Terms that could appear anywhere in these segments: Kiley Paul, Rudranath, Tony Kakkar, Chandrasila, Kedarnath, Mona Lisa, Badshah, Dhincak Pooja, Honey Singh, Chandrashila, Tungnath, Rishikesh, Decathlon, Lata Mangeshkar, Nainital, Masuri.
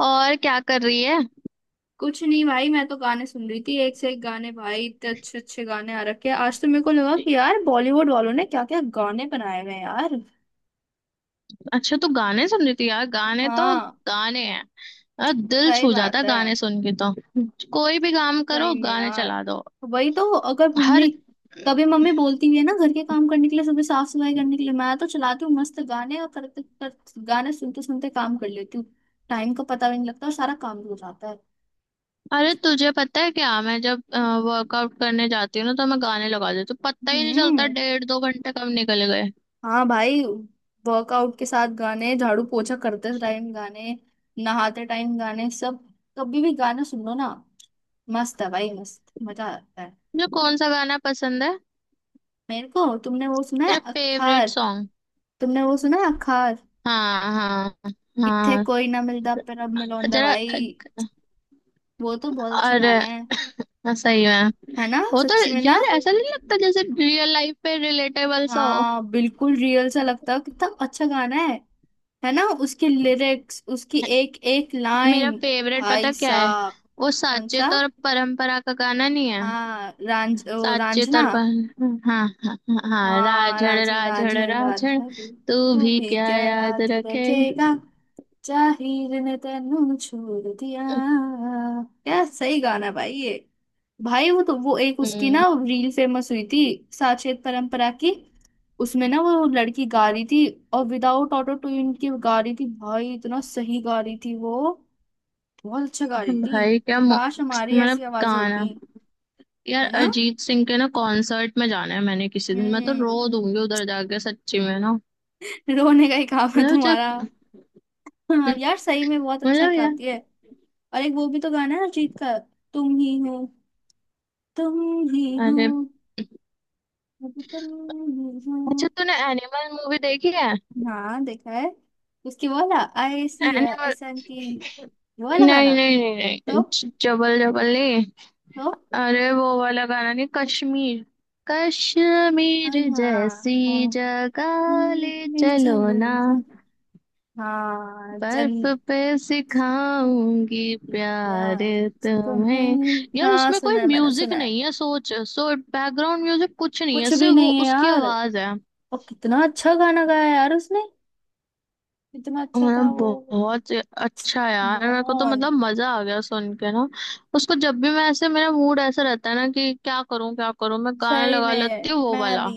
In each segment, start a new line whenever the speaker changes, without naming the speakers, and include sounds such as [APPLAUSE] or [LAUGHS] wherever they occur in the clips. और क्या कर रही है?
कुछ नहीं भाई, मैं तो गाने सुन रही थी। एक से एक गाने भाई, इतने अच्छे अच्छे गाने आ रखे हैं। आज तो मेरे को लगा कि यार बॉलीवुड वालों ने क्या क्या गाने बनाए हुए हैं यार।
अच्छा तू गाने सुन रही थी। यार गाने तो
हाँ,
गाने हैं। यार दिल
सही
छू जाता
बात
है
है।
गाने सुन के तो। कोई भी काम करो
सही में
गाने
यार।
चला दो।
वही तो, अगर मम्मी
हर
कभी मम्मी बोलती भी है ना घर के काम करने के लिए, सुबह साफ सफाई करने के लिए, मैं तो चलाती हूँ मस्त गाने और करते करते, गाने सुनते सुनते काम कर लेती हूँ। टाइम का पता भी नहीं लगता और सारा काम भी हो जाता है।
अरे तुझे पता है क्या मैं जब वर्कआउट करने जाती हूँ ना तो मैं गाने लगा देती हूँ। पता ही नहीं चलता
हम्म।
1.5-2 घंटे कब निकल गए।
हाँ भाई, वर्कआउट के साथ गाने, झाड़ू पोछा करते टाइम गाने, नहाते टाइम गाने, सब। कभी भी गाने सुन लो ना, मस्त है भाई, मस्त, मजा आता है।
तुझे कौन सा गाना पसंद है?
मेरे को, तुमने वो सुना है
तेरा
अखार?
Favourite song?
तुमने वो सुना है अखार?
हाँ हाँ
इत्थे
हाँ।
कोई ना मिलता पर अब मिलौंदा
जरा।
भाई। वो तो बहुत अच्छा
अरे
गाना है।
सही में।
है ना,
वो तो
सच्ची में ना?
यार ऐसा नहीं लगता जैसे रियल लाइफ पे रिलेटेबल सा हो।
हाँ बिल्कुल, रियल सा लगता है। कितना अच्छा गाना है ना, उसकी लिरिक्स, उसकी एक एक
मेरा
लाइन।
फेवरेट पता
भाई
क्या है?
साहब!
वो
कौन सा?
साचेत और परंपरा का गाना नहीं है?
हाँ, रांझ ओ,
साचेत
रांझना।
और पर... हाँ हाँ हाँ।
हाँ,
राझड़
रांझर
राझड़
रांझर
राझड़।
रांझर।
तू
तू
भी
भी
क्या
क्या
याद
याद
रखेगा।
रखेगा, जाहिर ने तेनू छोड़ दिया। क्या सही गाना भाई ये! भाई, वो तो, वो एक उसकी ना
हम्म।
रील फेमस हुई थी, साचेत परंपरा की। उसमें ना वो लड़की गा रही थी, और विदाउट ऑटो ट्यून की गा रही थी भाई, इतना सही गा रही थी वो। बहुत अच्छा गा रही थी।
भाई क्या
काश हमारी
मतलब
ऐसी आवाजें
गाना।
होती।
यार
है ना।
अरिजीत सिंह के ना कॉन्सर्ट में जाना है मैंने किसी दिन। मैं तो
हम्म।
रो दूंगी उधर जाके सच्ची में ना।
रोने का ही काम है
मतलब
तुम्हारा।
जब
हाँ यार, सही में बहुत अच्छा
मतलब यार
गाती है। और एक वो भी तो गाना है अरिजीत का, तुम ही हो, तुम ही हो,
अरे।
अब तुम ही हो।
अच्छा तूने एनिमल मूवी देखी है?
हाँ देखा है। उसकी वो वाला, I see
animal.
S N T वो वाला गाना।
नहीं नहीं नहीं नहीं
तो
जबल जबल नहीं।
तो
अरे वो वाला गाना नहीं। कश्मीर। कश्मीर
हाँ
जैसी
हाँ,
जगह ले।
मैं
चलो ना।
चलूंगा। हाँ जन,
बर्फ पे सिखाऊंगी प्यार
प्यार
तुम्हें।
तुम्हें।
यार
हाँ,
उसमें कोई
सुना है, मैंने
म्यूजिक
सुना है।
नहीं है। सोच सो बैकग्राउंड म्यूजिक कुछ नहीं है
कुछ भी
सिर्फ वो
नहीं है
उसकी
यार।
आवाज है।
और कितना अच्छा गाना गाया यार उसने, इतना अच्छा था
मतलब
वो।
बहुत अच्छा यार। मेरे को तो
मोहन।
मतलब मजा आ गया सुन के ना। उसको जब भी मैं ऐसे मेरा मूड ऐसा रहता है ना कि क्या करूं मैं गाना
सही
लगा लेती
में,
हूँ वो
मैं
वाला।
भी,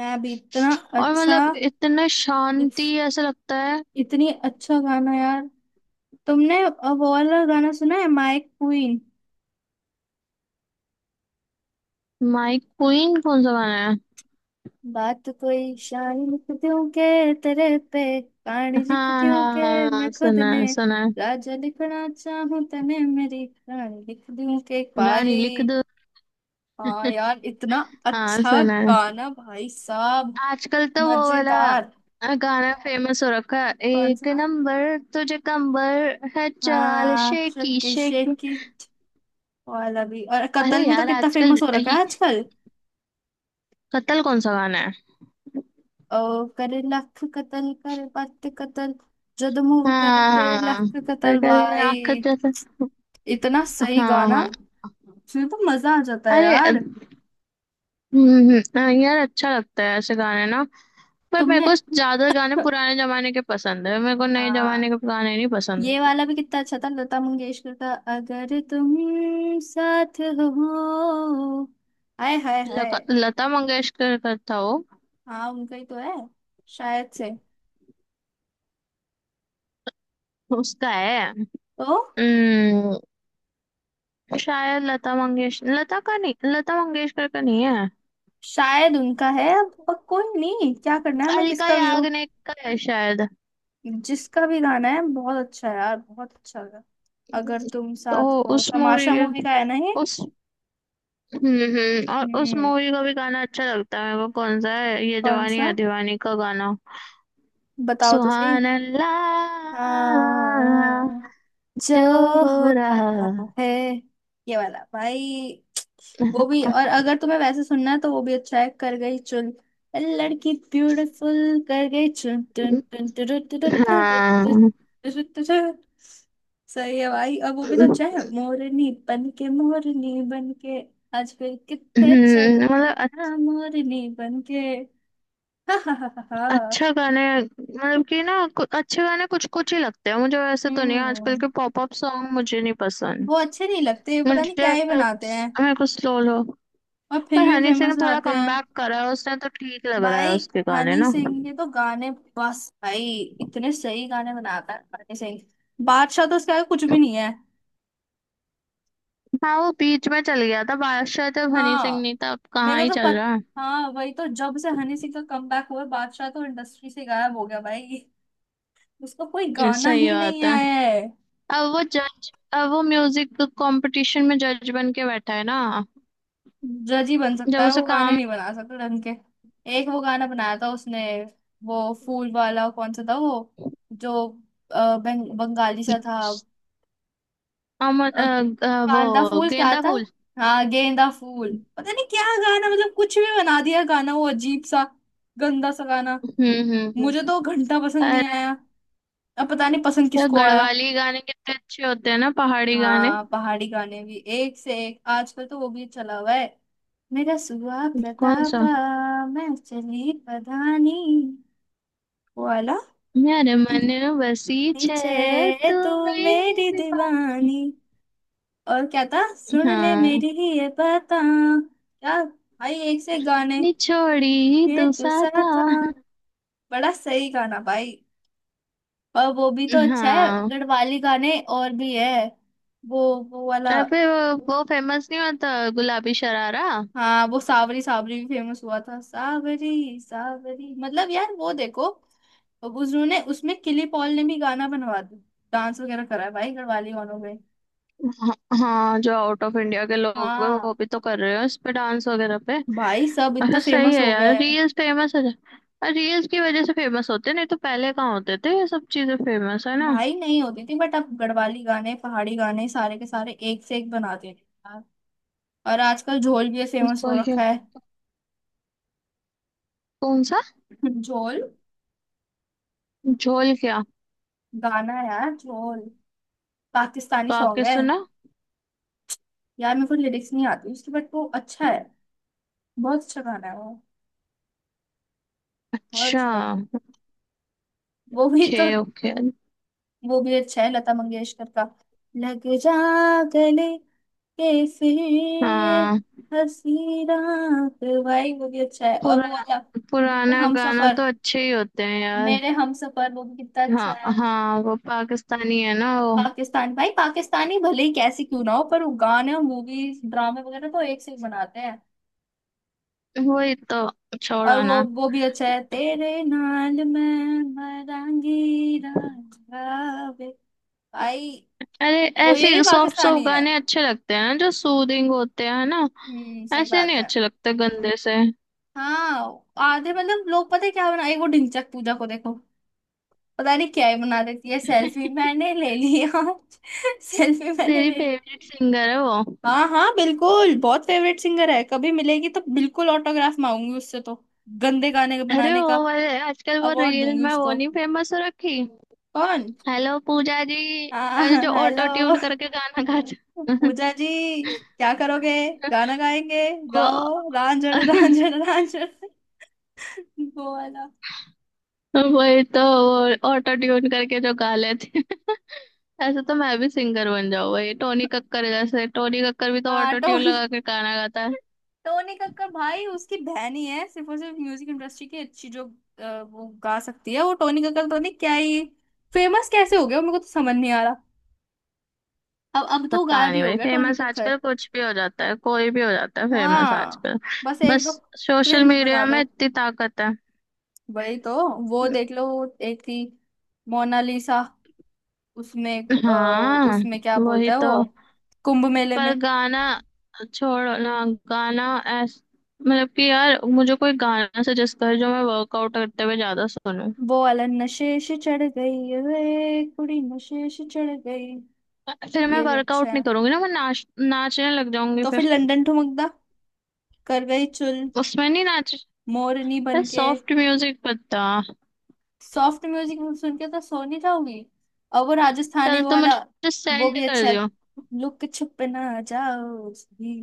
मैं भी इतना
और
अच्छा।
मतलब इतना
इत,
शांति ऐसा लगता है।
इतनी अच्छा गाना यार। तुमने अब वो वाला गाना सुना है, माय क्वीन?
माई क्वीन कौन सा गाना है?
बात तो कोई शायरी लिखती हूँ के तेरे पे, कहानी
हाँ
लिखती हूँ
हाँ
के
हाँ हाँ,
मैं खुद
सुना है
ने
सुना।
राजा लिखना चाहूँ, तने मेरी रानी लिख दूँ के
है रानी
भाई।
लिख दो।
हाँ यार, इतना
हाँ
अच्छा
सुना है।
गाना भाई साहब,
आजकल तो वो वाला
मजेदार।
गाना फेमस हो रखा है
कौन सा?
एक नंबर। तुझे कंबर है चाल
हाँ,
शेकी
शक्की
शेकी।
शेकी वाला भी, और
अरे
कतल भी तो
यार
कितना
आजकल
फेमस हो रखा है आजकल।
कत्ल कौन सा गाना है?
ओ करे लख कतल, करे पत्ते कतल, जद मूव करे
हाँ
तेरे
हाँ।
लख
अरे
कतल
कल
भाई।
आखत जैसा।
इतना सही
हाँ
गाना,
हाँ।
सुन तो मजा आ जाता है
अरे
यार।
हाँ, यार अच्छा लगता है ऐसे गाने ना। पर मेरे
तुमने
को ज्यादा गाने
[LAUGHS]
पुराने जमाने के पसंद है। मेरे को नए जमाने
हाँ,
के गाने नहीं
ये
पसंद।
वाला भी कितना अच्छा था, लता मंगेशकर का, अगर तुम साथ हो। हाय हाय हाय।
लता मंगेशकर का था वो?
हाँ उनका ही तो है शायद से।
उसका है?
तो
हम्म, शायद लता मंगेशकर लता का नहीं। लता मंगेशकर का नहीं है।
शायद उनका है, अब पर कोई नहीं, क्या करना है हमें
अलका
किसका भी हो।
याग्निक का है शायद।
जिसका भी गाना है, बहुत अच्छा है यार, बहुत अच्छा लगा। अगर तुम
ओ!
साथ हो
उस मूवी
तमाशा
के।
मूवी का है ना ये?
उस और उस
हम्म।
मूवी का भी गाना अच्छा लगता है मेरे को। कौन सा है? ये
कौन
जवानी
सा?
है दीवानी का गाना।
बताओ तो सही।
सुहान अल्लाह।
हाँ, जो
जो हो
हो
रहा।
रहा है, ये वाला भाई। वो भी, और अगर तुम्हें वैसे सुनना है तो वो भी अच्छा है, कर गई चुन, लड़की ब्यूटीफुल कर गई चुन, टुन टुन टुरु टुरु टुरु
हाँ,
टुरु,
हम्म।
टुरु टुरु। सही है भाई। और वो भी तो अच्छा है, मोरनी बन के, मोरनी बन के, आज फिर कितने चली
मतलब
ना मोरनी बन के। हा हा हा हा हा।
अच्छा गाने मतलब कि ना अच्छे गाने कुछ कुछ ही लगते हैं मुझे वैसे। तो नहीं आजकल
हम्म।
के पॉप अप सॉन्ग मुझे नहीं पसंद।
वो अच्छे नहीं लगते, पता नहीं
मुझे
क्या ही बनाते हैं
मेरे को स्लो लो।
और फिर
पर
भी
हनी सिंह
फेमस
थोड़ा
आते हैं।
कमबैक करा है उसने तो ठीक लग रहा है
भाई,
उसके गाने
हनी
ना।
सिंह के तो गाने बस भाई, इतने सही गाने बनाता है हनी सिंह। बादशाह तो उसका कुछ भी नहीं है।
हाँ वो बीच में चल गया था बादशाह जब हनी सिंह
हाँ,
नहीं था। अब
मेरे
कहाँ
को
ही
तो
चल
पत,
रहा
हाँ वही तो, जब से हनी सिंह का कमबैक हुआ है, बादशाह तो इंडस्ट्री से गायब हो गया भाई, उसका कोई
है।
गाना
सही
ही
बात
नहीं
है।
आया है।
अब वो जज अब वो म्यूजिक कंपटीशन में जज बन के बैठा है ना।
जज ही बन सकता
जब
है
उसे
वो, गाने
काम।
नहीं बना सकता ढंग के। एक वो गाना बनाया था उसने, वो फूल वाला, कौन सा था वो, जो बंगाली सा था।
अमर
अ,
वो
कांदा फूल क्या
गेंदा
था?
फूल।
हाँ, गेंदा फूल। पता नहीं क्या गाना, मतलब कुछ भी बना दिया गाना, वो अजीब सा, गंदा सा गाना। मुझे
हम्म।
तो घंटा पसंद नहीं
अरे
आया। अब पता नहीं पसंद किसको आया।
गढ़वाली गाने कितने अच्छे होते हैं ना। पहाड़ी गाने।
हाँ, पहाड़ी गाने भी एक से एक, आजकल तो वो भी चला हुआ है। मेरा सुआ
कौन सा?
प्रतापा, मैं चली पधानी, वो वाला।
यार मन बसी छे।
पीछे
तू
तू,
मेरी
मेरी
दीवार।
दीवानी। और क्या था, सुन ले
हाँ
मेरी, ये पता, क्या भाई, एक से एक गाने।
निछोड़ी
ये
तू सा
तुसा
था।
था। बड़ा सही गाना भाई। और वो भी तो अच्छा है,
हाँ।
गढ़वाली गाने और भी है। वो वो वाला।
और फिर वो फेमस नहीं होता गुलाबी शरारा।
हाँ, वो सावरी सावरी भी फेमस हुआ था, सावरी सावरी। मतलब यार, वो देखो, अब उन्होंने उसमें किली पॉल ने भी गाना बनवा दिया, डांस वगैरह करा है भाई गढ़वाली गानों में।
हाँ हाँ, जो आउट ऑफ इंडिया के लोग हैं
हाँ
वो भी तो कर रहे हो इस पे डांस वगैरह पे।
भाई, सब
अच्छा
इतना
सही
फेमस
है
हो गया
यार।
है।
रील्स फेमस हो जाए रील्स की वजह से फेमस होते हैं, नहीं तो पहले कहाँ होते थे ये सब चीजें फेमस। है ना।
भाई नहीं होती थी, बट अब गढ़वाली गाने, पहाड़ी गाने, सारे के सारे एक से एक बना देते हैं यार। और आजकल झोल भी फेमस हो
वही।
रखा है।
कौन सा
झोल।
झोल? क्या?
गाना है यार, झोल, पाकिस्तानी सॉन्ग
काके
है।
सुना।
यार मेरे को लिरिक्स नहीं आती उसकी, बट वो अच्छा है, बहुत अच्छा गाना है वो, बहुत
अच्छा।
अच्छा गाना। वो भी तो
ओके ओके।
वो भी अच्छा है, लता मंगेशकर का, लग जा गले के
हाँ।
फिर हंसी रात, भाई वो भी अच्छा है। और वो
पुरा
वाला, मेरे
पुराना
हम
गाना तो
सफर,
अच्छे ही होते हैं यार।
मेरे हम सफर, वो भी कितना अच्छा है।
हाँ हाँ वो पाकिस्तानी है ना वो।
पाकिस्तान भाई, पाकिस्तानी भले ही कैसी क्यों ना हो, पर वो गाने और मूवीज, ड्रामे वगैरह तो एक से एक बनाते हैं।
वही तो।
और
छोड़ो
वो
ना।
वो भी अच्छा है, तेरे नाल मैं मरांगी राजा वे, भाई।
अरे
वो ये भी
ऐसे सॉफ्ट सॉफ्ट
पाकिस्तानी है।
गाने अच्छे लगते हैं ना जो सूदिंग होते हैं ना।
हम्म, सही
ऐसे
बात
नहीं
है।
अच्छे लगते गंदे से।
हाँ आधे, मतलब लोग पता है क्या बनाए, वो ढिंचक पूजा को देखो, पता नहीं क्या ही बना देती है, सेल्फी
[LAUGHS]
मैंने ले ली आज [LAUGHS] सेल्फी मैंने
तेरी
ले ली।
फेवरेट सिंगर है वो?
हाँ हाँ बिल्कुल, बहुत फेवरेट सिंगर है, कभी मिलेगी तो बिल्कुल ऑटोग्राफ मांगूंगी उससे तो, गंदे गाने
अरे
बनाने का
वो वाले आजकल वो
अवार्ड
रील
दूंगी
में वो
उसको।
नहीं फेमस हो रखी।
कौन?
हेलो पूजा जी।
हाँ,
अरे जो
[LAUGHS]
ऑटो
हेलो
ट्यून करके गाना गाता
पूजा
[LAUGHS]
जी, क्या करोगे, गाना गाएंगे,
वो।
गाओ रांझण रांझण रांझण, वो वाला।
[LAUGHS] वही तो वो ऑटो ट्यून करके जो गा लेते हैं। [LAUGHS] ऐसे तो मैं भी सिंगर बन जाऊँ भाई। टोनी कक्कर जैसे टोनी कक्कर भी तो
हाँ,
ऑटो ट्यून
टोनी,
लगा के गाना गाता है।
टोनी कक्कर, भाई उसकी बहन ही है सिर्फ और सिर्फ म्यूजिक इंडस्ट्री की अच्छी, जो वो गा सकती है। वो टोनी कक्कर पता नहीं क्या ही, फेमस कैसे हो गया, मेरे को तो समझ नहीं आ रहा। अब तो
पता
गायब ही
नहीं
हो
भाई।
गया टोनी
फेमस
कक्कर।
आजकल कुछ भी हो जाता है कोई भी हो जाता है फेमस
हाँ,
आजकल।
बस एक
बस
दो
सोशल
क्रिंज बना
मीडिया
दो,
में इतनी ताकत है।
वही तो, वो देख लो, एक थी मोनालिसा, उसमें अ,
हाँ
उसमें क्या बोलता
वही
है
तो।
वो, कुंभ मेले
पर
में,
गाना छोड़ो ना गाना ऐस मतलब कि यार मुझे कोई गाना सजेस्ट कर जो मैं वर्कआउट करते हुए ज्यादा सुनूं।
वो वाला। नशे से चढ़ गई रे कुड़ी, नशे से चढ़ गई।
फिर मैं
ये भी अच्छा
वर्कआउट नहीं
है।
करूंगी ना मैं नाच नाचने लग जाऊंगी
तो फिर
फिर।
लंदन ठुमकदा, कर गई चुल
उसमें नहीं नाच
मोरनी बन के।
सॉफ्ट म्यूजिक पता।
सॉफ्ट म्यूजिक सुन के तो सो नहीं जाओगी। और वो राजस्थानी
चल
वो
तो
वाला,
मुझे
वो
सेंड
भी
कर
अच्छा है,
दियो।
लुक छुप ना जाओ उसकी,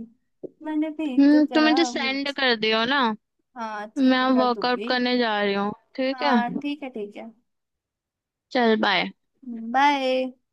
मैंने भी तो
तुम मुझे
करा वो।
सेंड कर दियो ना।
हाँ ठीक
मैं
है, कर
वर्कआउट
दूंगी।
करने जा रही हूँ ठीक है।
हाँ ठीक है, ठीक है।
चल बाय।
बाय।